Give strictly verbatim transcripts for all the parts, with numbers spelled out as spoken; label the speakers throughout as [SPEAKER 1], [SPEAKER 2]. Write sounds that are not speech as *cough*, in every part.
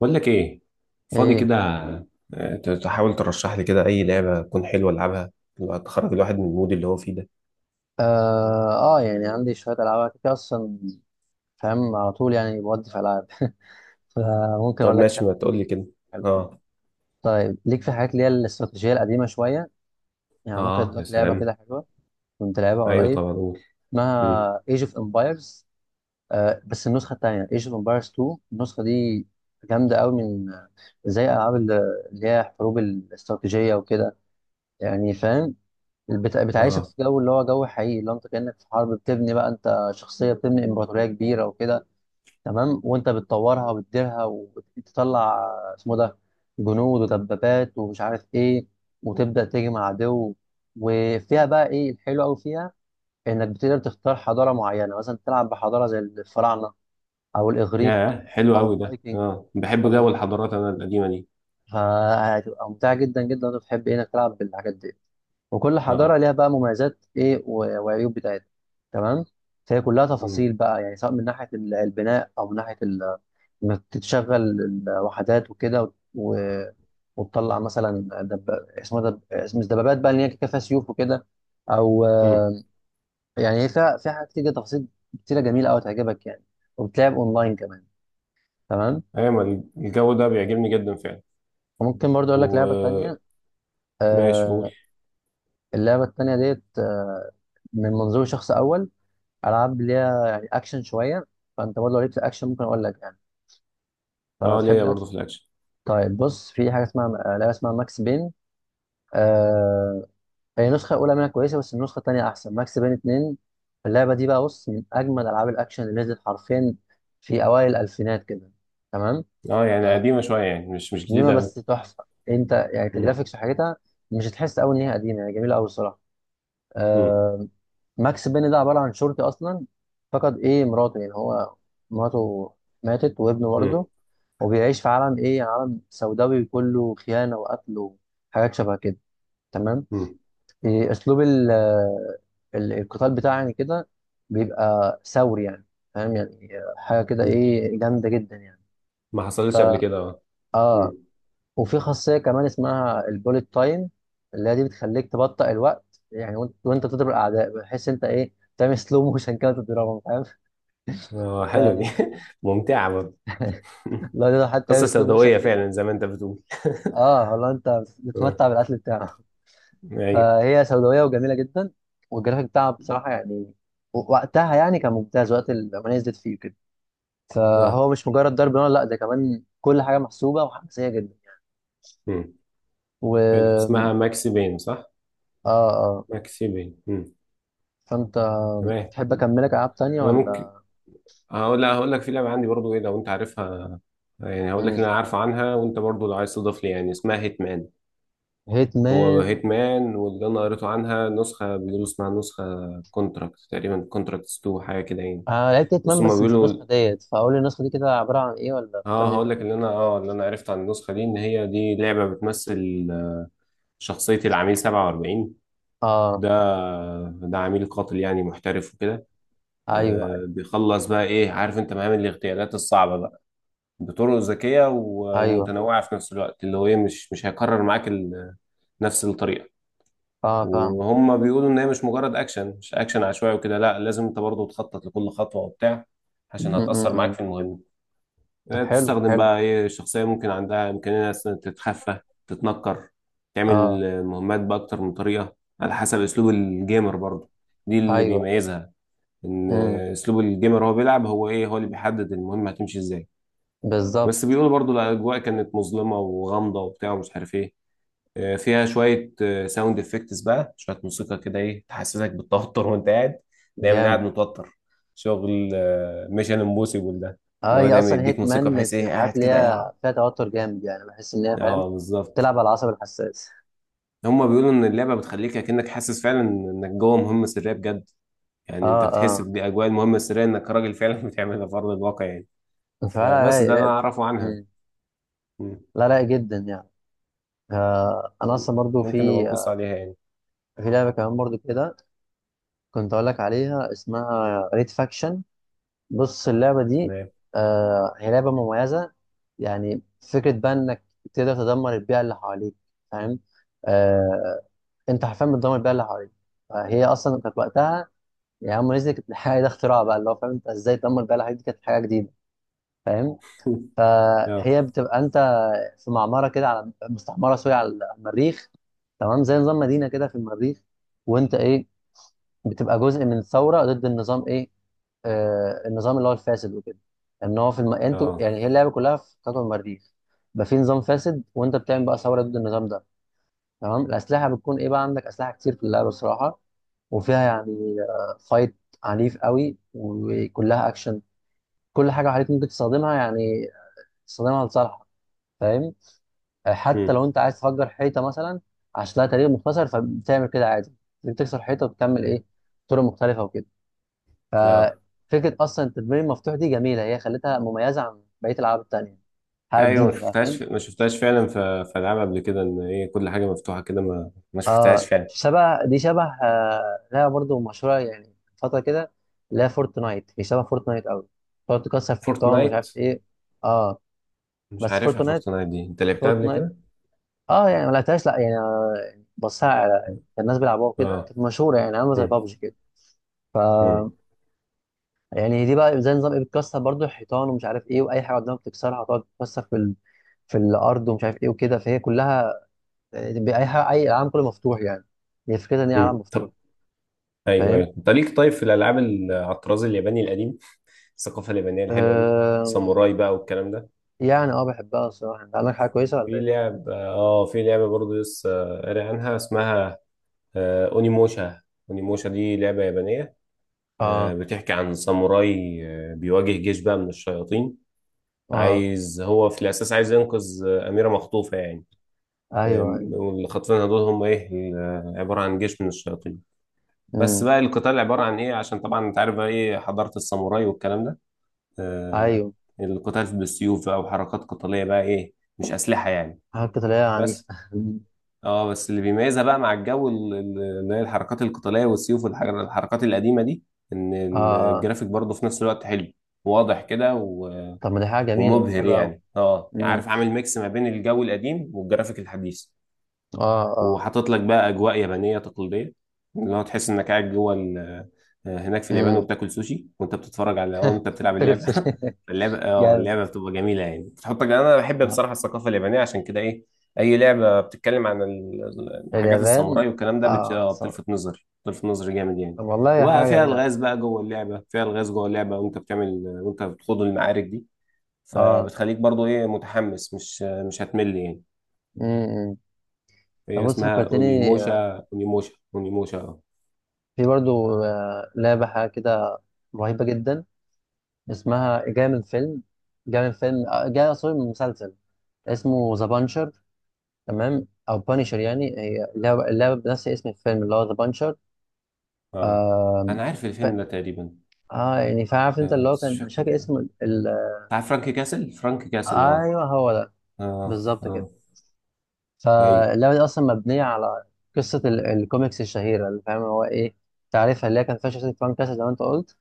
[SPEAKER 1] بقول لك ايه؟ فاضي
[SPEAKER 2] ايه.
[SPEAKER 1] كده؟ آه، ت- تحاول ترشح لي كده اي لعبه تكون حلوه العبها، تخرج الواحد من المود اللي هو فيه ده.
[SPEAKER 2] اه, آه يعني عندي شويه العاب كده كده اصلا. فاهم على طول يعني بودي في العاب *laughs* فممكن
[SPEAKER 1] طب
[SPEAKER 2] اقول لك
[SPEAKER 1] ماشي ما
[SPEAKER 2] كام.
[SPEAKER 1] تقول لي كده.
[SPEAKER 2] حلو.
[SPEAKER 1] اه.
[SPEAKER 2] طيب ليك في حاجات اللي هي الاستراتيجيه القديمه شويه. يعني ممكن اقول
[SPEAKER 1] اه يا
[SPEAKER 2] لك لعبه
[SPEAKER 1] سلام.
[SPEAKER 2] كده حلوه. كنت لعبها
[SPEAKER 1] ايوه
[SPEAKER 2] قريب.
[SPEAKER 1] طبعا قول. مم.
[SPEAKER 2] اسمها ايج اوف امبايرز. بس النسخه الثانيه، ايج اوف امبايرز اثنين. النسخه دي جامده قوي من زي العاب اللي اللي هي حروب الاستراتيجيه وكده. يعني فاهم. بت- بتعيشك
[SPEAKER 1] اه
[SPEAKER 2] في جو اللي هو جو حقيقي، اللي هو انت كأنك في حرب بتبني بقى، انت شخصية بتبني امبراطورية كبيرة وكده. تمام. وانت بتطورها وبتديرها وتطلع. اسمه ده جنود ودبابات ومش عارف ايه. وتبدأ تجمع عدو. وفيها بقى ايه الحلو قوي فيها. انك بتقدر تختار حضارة معينة، مثلا تلعب بحضارة زي الفراعنة، او الاغريق،
[SPEAKER 1] يا حلو
[SPEAKER 2] او
[SPEAKER 1] قوي ده،
[SPEAKER 2] الفايكنج.
[SPEAKER 1] اه بحب
[SPEAKER 2] فانت
[SPEAKER 1] جو الحضارات انا القديمه دي.
[SPEAKER 2] فهتبقى ممتعة جدا جدا لو أنت بتحب إيه، انك تلعب بالحاجات دي. وكل حضاره
[SPEAKER 1] اه.
[SPEAKER 2] ليها بقى مميزات ايه و- وعيوب بتاعتها. تمام. فهي كلها
[SPEAKER 1] مم.
[SPEAKER 2] تفاصيل بقى، يعني سواء من ناحيه ال- البناء او من ناحيه ال- انك تشغل الوحدات وكده و- وتطلع مثلا دب... اسمه دب... اسم مش دبابات بقى اللي هي كده فيها سيوف وكده. او
[SPEAKER 1] مم.
[SPEAKER 2] آه، يعني هي فيها فيها حاجات كتير، تفاصيل كتيره جميله قوي تعجبك يعني. وبتلعب اونلاين كمان. تمام.
[SPEAKER 1] ايوه ما الجو ده بيعجبني جدا فعلا.
[SPEAKER 2] وممكن برضه اقول لك لعبه
[SPEAKER 1] وماشي،
[SPEAKER 2] تانيه.
[SPEAKER 1] قول.
[SPEAKER 2] آه اللعبه التانيه ديت، آه من منظور شخص اول. العاب ليها يعني اكشن شويه. فانت برضه لو ليك في الاكشن ممكن اقول لك يعني.
[SPEAKER 1] اه
[SPEAKER 2] فتحب
[SPEAKER 1] ليا برضه
[SPEAKER 2] الاكشن.
[SPEAKER 1] في الاكشن.
[SPEAKER 2] طيب بص، في حاجه اسمها آه، لعبه اسمها ماكس بين. آه... هي النسخه الاولى منها كويسه، بس النسخه الثانيه احسن، ماكس بين اثنين. اللعبه دي بقى بص، من اجمل العاب الاكشن اللي نزلت حرفيا، في اوائل الالفينات كده. تمام.
[SPEAKER 1] اه يعني قديمه شويه، يعني مش مش
[SPEAKER 2] قديمه
[SPEAKER 1] جديده قوي.
[SPEAKER 2] بس تحفه. انت يعني
[SPEAKER 1] مم.
[SPEAKER 2] كجرافيكس وحاجتها مش هتحس قوي ان هي قديمه، يعني جميله قوي الصراحه.
[SPEAKER 1] مم.
[SPEAKER 2] ماكس بين ده عباره عن شرطي اصلا. فقد ايه مراته، يعني هو مراته ماتت وابنه برضه.
[SPEAKER 1] مم.
[SPEAKER 2] وبيعيش في عالم ايه، عالم سوداوي كله خيانه وقتل وحاجات شبه كده. تمام.
[SPEAKER 1] مم.
[SPEAKER 2] إيه، اسلوب ال- آه، ال- القتال بتاعه يعني كده بيبقى ثوري يعني. فاهم يعني. حاجه كده
[SPEAKER 1] مم.
[SPEAKER 2] ايه جامده جدا يعني.
[SPEAKER 1] ما حصلتش قبل
[SPEAKER 2] فا
[SPEAKER 1] كده. اه.
[SPEAKER 2] اه، وفي خاصيه كمان اسمها البوليت تايم، اللي هي دي بتخليك تبطئ الوقت يعني، وانت وانت بتضرب الاعداء، بحيث انت ايه تعمل سلو موشن كده تضربهم، فاهم.
[SPEAKER 1] اه حلوة دي
[SPEAKER 2] فلو
[SPEAKER 1] *laughs* ممتعة برضه. *laughs*
[SPEAKER 2] تقدر حتى
[SPEAKER 1] قصة
[SPEAKER 2] تعمل سلو موشن
[SPEAKER 1] سوداوية فعلا
[SPEAKER 2] عليه.
[SPEAKER 1] زي ما انت بتقول.
[SPEAKER 2] اه والله انت
[SPEAKER 1] *laughs* اه.
[SPEAKER 2] بتتمتع بالاكل بتاعه.
[SPEAKER 1] ايوه.
[SPEAKER 2] فهي سوداويه وجميله جدا. والجرافيك بتاعها بصراحه يعني وقتها يعني كان ممتاز، وقت الأغنية نزلت فيه كده.
[SPEAKER 1] اه.
[SPEAKER 2] فهو مش مجرد ضرب نار، لا، ده كمان كل حاجه محسوبه وحماسيه جدا.
[SPEAKER 1] مم. حلو،
[SPEAKER 2] و
[SPEAKER 1] اسمها ماكسي بين صح؟
[SPEAKER 2] اه اه،
[SPEAKER 1] ماكسي بين. مم.
[SPEAKER 2] فانت
[SPEAKER 1] تمام.
[SPEAKER 2] تحب
[SPEAKER 1] مم.
[SPEAKER 2] اكملك العاب تانية
[SPEAKER 1] انا ممكن
[SPEAKER 2] ولا؟
[SPEAKER 1] هقول، لا هقول لك في لعبة عندي برضو ايه لو انت عارفها. يعني هقول لك
[SPEAKER 2] مم.
[SPEAKER 1] اللي انا عارفه عنها وانت برضو لو عايز تضيف لي، يعني اسمها هيتمان.
[SPEAKER 2] هيت
[SPEAKER 1] هو
[SPEAKER 2] مان.
[SPEAKER 1] هيتمان، واللي انا قريته عنها نسخة بيقولوا اسمها نسخة كونتراكت تقريبا، كونتراكتس اتنين حاجة كده يعني.
[SPEAKER 2] آه، لعبت هيت مان
[SPEAKER 1] بس هما
[SPEAKER 2] بس مش النسخه
[SPEAKER 1] بيقولوا،
[SPEAKER 2] ديت، فاقول لي النسخه دي كده عباره عن ايه، ولا
[SPEAKER 1] اه
[SPEAKER 2] فكرني بيها
[SPEAKER 1] هقول لك
[SPEAKER 2] كده.
[SPEAKER 1] اللي انا اه اللي انا عرفت عن النسخه دي ان هي دي لعبه بتمثل شخصيه العميل سبعة وأربعين.
[SPEAKER 2] اه.
[SPEAKER 1] ده ده عميل قاتل يعني محترف وكده.
[SPEAKER 2] ايوه، ايوه.
[SPEAKER 1] آه بيخلص بقى ايه، عارف انت مهام الاغتيالات الصعبه بقى، بطرق ذكيه و-
[SPEAKER 2] ايوه, أيوة.
[SPEAKER 1] ومتنوعه في نفس الوقت، اللي هو ايه مش مش هيكرر معاك ال- نفس الطريقه.
[SPEAKER 2] اه، فاهم.
[SPEAKER 1] وهم بيقولوا ان هي مش مجرد اكشن، مش اكشن عشوائي وكده، لا لازم انت برضه تخطط لكل خطوه وبتاع، عشان
[SPEAKER 2] م-
[SPEAKER 1] هتاثر
[SPEAKER 2] م-
[SPEAKER 1] معاك
[SPEAKER 2] م.
[SPEAKER 1] في المهمه.
[SPEAKER 2] طب
[SPEAKER 1] آه،
[SPEAKER 2] حلو،
[SPEAKER 1] بتستخدم
[SPEAKER 2] حلو.
[SPEAKER 1] بقى ايه شخصية ممكن عندها إمكانية مثلا تتخفى، تتنكر، تعمل
[SPEAKER 2] اه.
[SPEAKER 1] مهمات بأكتر من طريقة على حسب أسلوب الجيمر برضو. دي اللي
[SPEAKER 2] ايوه.
[SPEAKER 1] بيميزها، إن
[SPEAKER 2] امم.
[SPEAKER 1] أسلوب الجيمر هو بيلعب، هو ايه هو اللي بيحدد المهمة هتمشي ازاي.
[SPEAKER 2] بالظبط.
[SPEAKER 1] بس بيقولوا برضو الأجواء كانت مظلمة وغامضة وبتاع ومش عارف ايه. آه، فيها شوية ساوند افكتس بقى، شوية موسيقى كده ايه تحسسك بالتوتر *laughs* وانت قاعد، دايما قاعد
[SPEAKER 2] جامد.
[SPEAKER 1] متوتر، شغل ميشن امبوسيبل ده.
[SPEAKER 2] اه،
[SPEAKER 1] اللي هو
[SPEAKER 2] هي
[SPEAKER 1] دايما
[SPEAKER 2] اصلا هيت
[SPEAKER 1] يديك
[SPEAKER 2] مان
[SPEAKER 1] موسيقى
[SPEAKER 2] من
[SPEAKER 1] بحيث ايه
[SPEAKER 2] الحاجات
[SPEAKER 1] قاعد
[SPEAKER 2] اللي
[SPEAKER 1] كده ايه.
[SPEAKER 2] هي فيها توتر جامد يعني، بحس ان هي فاهم
[SPEAKER 1] اه بالظبط.
[SPEAKER 2] تلعب على العصب الحساس.
[SPEAKER 1] هما بيقولوا ان اللعبه بتخليك اكنك حاسس فعلا انك جوه مهمه سريه بجد. يعني
[SPEAKER 2] اه،
[SPEAKER 1] انت بتحس
[SPEAKER 2] اه،
[SPEAKER 1] باجواء المهمه السريه، انك راجل فعلا *laughs* بتعملها في ارض الواقع يعني.
[SPEAKER 2] فعلا،
[SPEAKER 1] فبس
[SPEAKER 2] رايق
[SPEAKER 1] ده انا
[SPEAKER 2] رايق.
[SPEAKER 1] اعرفه عنها.
[SPEAKER 2] مم.
[SPEAKER 1] مم.
[SPEAKER 2] لا رايق جدا يعني. آه انا اصلا برضو
[SPEAKER 1] ممكن نبقى
[SPEAKER 2] في
[SPEAKER 1] نبص
[SPEAKER 2] آه،
[SPEAKER 1] عليها يعني.
[SPEAKER 2] في لعبه كمان برضو كده كنت اقول لك عليها، اسمها ريد فاكشن. بص اللعبه دي،
[SPEAKER 1] تمام.
[SPEAKER 2] آه هي لعبه مميزه يعني. فكره بقى انك تقدر تدمر البيئه اللي حواليك، فاهم. آه، انت حرفيا بتدمر بيئه اللي حواليك. فهي اصلا كانت وقتها، يعني هم نزلت، كانت الحاجه ده اختراع بقى، اللي هو فاهم انت ازاي تدمر البيئه اللي حواليك، دي كانت حاجه جديده فاهم.
[SPEAKER 1] *laughs* اه.
[SPEAKER 2] فهي بتبقى انت في معمره كده، على مستعمره، سوري، على المريخ. تمام، زي نظام مدينه كده في المريخ. وانت ايه بتبقى جزء من ثوره ضد النظام، ايه آه النظام اللي هو الفاسد وكده. ان هو في الم... انتوا،
[SPEAKER 1] اه.
[SPEAKER 2] يعني هي اللعبه كلها في كوكب المريخ. بقى في نظام فاسد وانت بتعمل بقى ثوره ضد النظام ده. تمام. الاسلحه بتكون ايه بقى، عندك اسلحه كتير في اللعبه الصراحه. وفيها يعني فايت عنيف قوي وكلها اكشن. كل حاجه عليك ممكن تستخدمها، يعني تستخدمها لصالحك، فاهم. آه، حتى
[SPEAKER 1] مم.
[SPEAKER 2] لو انت عايز تفجر حيطه مثلا، عشان لها تاريخ مختصر، فبتعمل كده عادي. بتكسر حيطه وبتعمل
[SPEAKER 1] مم.
[SPEAKER 2] ايه طرق مختلفه وكده.
[SPEAKER 1] اه
[SPEAKER 2] ففكره اصلا التدمير المفتوح دي جميله، هي خلتها مميزه عن بقيه الالعاب التانيه. حاجه
[SPEAKER 1] ايوه، ما
[SPEAKER 2] جديده بقى فاهم.
[SPEAKER 1] شفتهاش ما شفتهاش فعلا في في العاب قبل كده ان هي كل حاجه مفتوحه كده، ما ما شفتهاش
[SPEAKER 2] اه،
[SPEAKER 1] فعلا.
[SPEAKER 2] شبه. دي شبه آه لها برضو مشهوره يعني فتره كده. لا، فورتنايت، هي شبه فورتنايت قوي. تقعد تكسر في حيطان ومش
[SPEAKER 1] فورتنايت؟
[SPEAKER 2] عارف ايه. اه،
[SPEAKER 1] مش
[SPEAKER 2] بس
[SPEAKER 1] عارفها
[SPEAKER 2] فورتنايت،
[SPEAKER 1] فورتنايت دي، انت لعبتها قبل
[SPEAKER 2] فورتنايت
[SPEAKER 1] كده؟
[SPEAKER 2] اه يعني ما لعبتهاش، لا يعني. بصها، على كان الناس بيلعبوها كده،
[SPEAKER 1] اه.
[SPEAKER 2] كانت مشهوره، يعني عامله زي
[SPEAKER 1] مم.
[SPEAKER 2] بابجي كده. ف،
[SPEAKER 1] مم.
[SPEAKER 2] يعني دي بقى زي نظام ايه، بتكسر برضو الحيطان ومش عارف ايه، واي حاجه قدامك بتكسرها، تقعد تكسر في ال... في الارض ومش عارف ايه وكده. فهي كلها اي حاجه، اي العالم كله مفتوح يعني، هي فكرتها ان هي عالم
[SPEAKER 1] مم.
[SPEAKER 2] مفتوح،
[SPEAKER 1] طب، ايوه
[SPEAKER 2] فاهم.
[SPEAKER 1] ايوه، انت ليك طيب في الالعاب ال- على الطراز الياباني القديم، الثقافه اليابانيه الحلوه دي،
[SPEAKER 2] آه...
[SPEAKER 1] ساموراي بقى والكلام ده.
[SPEAKER 2] يعني اه بحبها الصراحة. انت عندك حاجة كويسة ولا
[SPEAKER 1] في
[SPEAKER 2] ايه؟
[SPEAKER 1] لعب، اه في لعبه برضه لسه قاري عنها اسمها آه اونيموشا. اونيموشا دي لعبه يابانيه. آه
[SPEAKER 2] اه،
[SPEAKER 1] بتحكي عن ساموراي. آه بيواجه جيش بقى من الشياطين.
[SPEAKER 2] اه.
[SPEAKER 1] عايز هو في الاساس عايز ينقذ آه اميره مخطوفه يعني.
[SPEAKER 2] ايوه، ايوه.
[SPEAKER 1] آم، واللي خاطفينها دول هم ايه، آه، عباره عن جيش من الشياطين. بس
[SPEAKER 2] امم.
[SPEAKER 1] بقى القتال عباره عن ايه، عشان طبعا انت عارف بقى ايه حضاره الساموراي والكلام ده. آه،
[SPEAKER 2] ايوه.
[SPEAKER 1] القتال بالسيوف بقى وحركات قتالية بقى ايه، مش أسلحة يعني.
[SPEAKER 2] حاجة قتالية عنيفة
[SPEAKER 1] بس
[SPEAKER 2] *laughs* أمم.
[SPEAKER 1] اه بس اللي بيميزها بقى مع الجو ال- ال- اللي هي الحركات القتالية والسيوف والحر- الحركات القديمة دي، ان
[SPEAKER 2] اه. آه.
[SPEAKER 1] الجرافيك برضه في نفس الوقت حلو، واضح كده و-
[SPEAKER 2] طب ما دي حاجة جميلة
[SPEAKER 1] ومبهر
[SPEAKER 2] حلوة أوي.
[SPEAKER 1] يعني، اه يعني
[SPEAKER 2] امم.
[SPEAKER 1] عارف عامل ميكس ما بين الجو القديم والجرافيك الحديث.
[SPEAKER 2] اه. اه.
[SPEAKER 1] وحاطط لك بقى اجواء يابانيه تقليديه، اللي هو تحس انك قاعد جوه ال- آه، هناك في اليابان،
[SPEAKER 2] امم.
[SPEAKER 1] وبتاكل سوشي وانت بتتفرج على او انت بتلعب
[SPEAKER 2] فكرة
[SPEAKER 1] اللعبه
[SPEAKER 2] السوشي
[SPEAKER 1] *laughs* اللعبه
[SPEAKER 2] *laughs*
[SPEAKER 1] اه
[SPEAKER 2] جامد.
[SPEAKER 1] اللعبه بتبقى جميله يعني، بتحطك، انا بحب
[SPEAKER 2] آه.
[SPEAKER 1] بصراحه الثقافه اليابانيه عشان كده ايه، اي لعبه بتتكلم عن ال- حاجات
[SPEAKER 2] اليابان.
[SPEAKER 1] الساموراي والكلام ده بت-
[SPEAKER 2] اه،
[SPEAKER 1] آه،
[SPEAKER 2] صح.
[SPEAKER 1] بتلفت نظري، بتلفت نظري جامد يعني.
[SPEAKER 2] طب والله هي
[SPEAKER 1] وبقى
[SPEAKER 2] حاجة
[SPEAKER 1] فيها
[SPEAKER 2] جميلة أوي.
[SPEAKER 1] الغاز بقى جوه اللعبه، فيها الغاز جوه اللعبه وانت بتعمل وانت بتخوض المعارك دي.
[SPEAKER 2] اه.
[SPEAKER 1] فبتخليك برضو ايه متحمس، مش آه، مش هتمل يعني.
[SPEAKER 2] امم. طب
[SPEAKER 1] هي
[SPEAKER 2] بص،
[SPEAKER 1] اسمها
[SPEAKER 2] فكرتني آه،
[SPEAKER 1] اونيموشا، اونيموشا اونيموشا اه.
[SPEAKER 2] في برضو آه، لعبة حاجة كده رهيبة جدا، اسمها جاية من فيلم، جاية من فيلم، آه، جاية سوري من مسلسل، اسمه ذا بانشر. تمام، او بانشر، يعني هي اللعبه اللعبه بنفس اسم الفيلم اللي هو ذا بانشر.
[SPEAKER 1] اه
[SPEAKER 2] آم،
[SPEAKER 1] انا عارف
[SPEAKER 2] ف...
[SPEAKER 1] الفيلم ده تقريبا.
[SPEAKER 2] اه يعني فعارف انت اللي
[SPEAKER 1] آه
[SPEAKER 2] هو
[SPEAKER 1] بس مش
[SPEAKER 2] كان مش
[SPEAKER 1] فاكر،
[SPEAKER 2] فاكر اسم ال... ال...
[SPEAKER 1] بتاع فرانك كاسل، فرانك كاسل اه.
[SPEAKER 2] ايوه، هو ده،
[SPEAKER 1] اه.
[SPEAKER 2] بالظبط كده.
[SPEAKER 1] اه. ايوه.
[SPEAKER 2] فاللعبه دي اصلا مبنيه على قصه ال... الكوميكس الشهيره، اللي فاهم هو ايه، تعرفها، اللي هي كان فيها شخصيه فرانك كاسل زي ما انت قلت.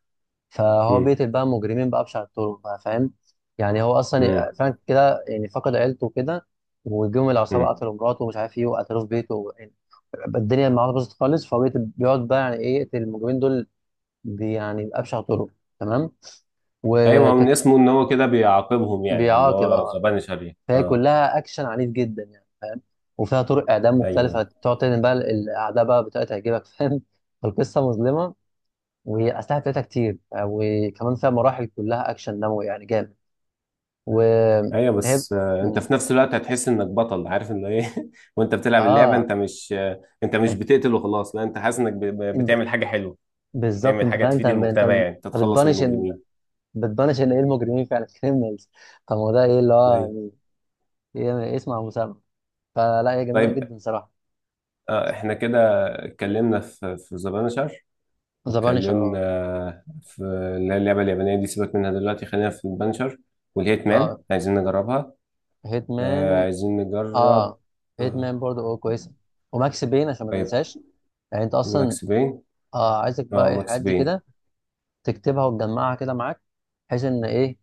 [SPEAKER 2] فهو
[SPEAKER 1] امم.
[SPEAKER 2] بيقتل بقى مجرمين بأبشع الطرق بقى، فاهم. يعني هو
[SPEAKER 1] امم.
[SPEAKER 2] اصلا فرانك كده يعني فقد عيلته كده. وجم العصابه
[SPEAKER 1] امم.
[SPEAKER 2] قتلوا مراته ومش عارف ايه، وقتلوه في بيته. الدنيا معاه باظت خالص، فهو بيت- بيقعد بقى يعني ايه يقتل المجرمين دول. بي- يعني بأبشع طرق. تمام.
[SPEAKER 1] ايوه ما هو من
[SPEAKER 2] وكانت
[SPEAKER 1] اسمه ان هو كده بيعاقبهم يعني، اللي
[SPEAKER 2] بيعاقب
[SPEAKER 1] هو
[SPEAKER 2] اه.
[SPEAKER 1] ذا بانشر يعني.
[SPEAKER 2] فهي
[SPEAKER 1] اه.
[SPEAKER 2] كلها اكشن عنيف جدا يعني، فاهم. وفيها طرق اعدام مختلفه،
[SPEAKER 1] ايوه
[SPEAKER 2] تقعد تدعم بقى الاعداء بقى بطريقه تعجبك *laughs* فاهم. فالقصه مظلمه والاسلحه بتاعتها كتير، آه، وكمان فيها مراحل كلها اكشن دموي يعني جامد.
[SPEAKER 1] ايوه.
[SPEAKER 2] وهي
[SPEAKER 1] بس آه انت
[SPEAKER 2] م-
[SPEAKER 1] في نفس الوقت هتحس انك بطل، عارف ان ايه *laughs* وانت بتلعب اللعبه،
[SPEAKER 2] اه.
[SPEAKER 1] انت مش آه انت مش بتقتل وخلاص، لا انت حاسس انك ب- ب-
[SPEAKER 2] انت
[SPEAKER 1] بتعمل حاجه حلوه،
[SPEAKER 2] بالظبط،
[SPEAKER 1] بتعمل
[SPEAKER 2] انت
[SPEAKER 1] حاجه
[SPEAKER 2] فاهم، انت
[SPEAKER 1] تفيد
[SPEAKER 2] انت
[SPEAKER 1] المجتمع
[SPEAKER 2] أنت
[SPEAKER 1] يعني، انت تتخلص من
[SPEAKER 2] بتبانش ان،
[SPEAKER 1] المجرمين.
[SPEAKER 2] بتبانش ان ايه، المجرمين فعلا، كريمنالز. طب ما هو ده ايه اللي
[SPEAKER 1] ايوه.
[SPEAKER 2] هو، هي اسم ابو سلمى. فلا هي جميله
[SPEAKER 1] طيب،
[SPEAKER 2] جدا صراحه.
[SPEAKER 1] آه، احنا كده اتكلمنا في في ذا بانشر،
[SPEAKER 2] ذا بانشر،
[SPEAKER 1] واتكلمنا
[SPEAKER 2] اه،
[SPEAKER 1] في اللي هي اللعبة اليابانية دي، سيبك منها دلوقتي خلينا في البانشر والهيت مان،
[SPEAKER 2] اه،
[SPEAKER 1] عايزين نجربها. آه،
[SPEAKER 2] هيتمان.
[SPEAKER 1] عايزين نجرب.
[SPEAKER 2] اه،
[SPEAKER 1] آه،
[SPEAKER 2] هيتمان برضه اه كويسه. وماكس بين عشان ما
[SPEAKER 1] طيب
[SPEAKER 2] ننساش. يعني انت اصلا
[SPEAKER 1] ماكس بين.
[SPEAKER 2] اه عايزك بقى
[SPEAKER 1] اه
[SPEAKER 2] ايه، الحاجات
[SPEAKER 1] ماكس
[SPEAKER 2] دي
[SPEAKER 1] بين.
[SPEAKER 2] كده تكتبها وتجمعها كده معاك، بحيث ان ايه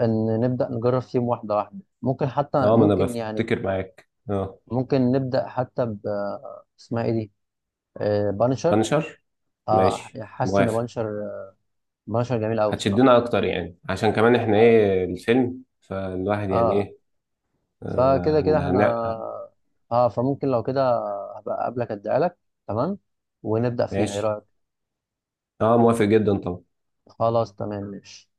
[SPEAKER 2] ان نبدا نجرب فيهم واحده واحده، ممكن حتى،
[SPEAKER 1] اه ما انا
[SPEAKER 2] ممكن يعني.
[SPEAKER 1] بفتكر معاك. اه
[SPEAKER 2] ممكن نبدا حتى ب، اسمها ايه دي، آه بانشر.
[SPEAKER 1] بانشر،
[SPEAKER 2] اه،
[SPEAKER 1] ماشي
[SPEAKER 2] حاسس ان
[SPEAKER 1] موافق.
[SPEAKER 2] بانشر. بانشر جميل قوي الصراحه.
[SPEAKER 1] هتشدنا اكتر يعني، عشان كمان احنا
[SPEAKER 2] اه،
[SPEAKER 1] ايه الفيلم، فالواحد يعني
[SPEAKER 2] اه.
[SPEAKER 1] ايه،
[SPEAKER 2] فكده
[SPEAKER 1] آه
[SPEAKER 2] كده
[SPEAKER 1] هن-
[SPEAKER 2] احنا،
[SPEAKER 1] هن-
[SPEAKER 2] اه، فممكن لو كده هبقى قبلك اديها لك. تمام، ونبدأ فيها، ايه
[SPEAKER 1] ماشي،
[SPEAKER 2] رأيك؟
[SPEAKER 1] اه موافق جدا طبعا.
[SPEAKER 2] خلاص، تمام، ماشي.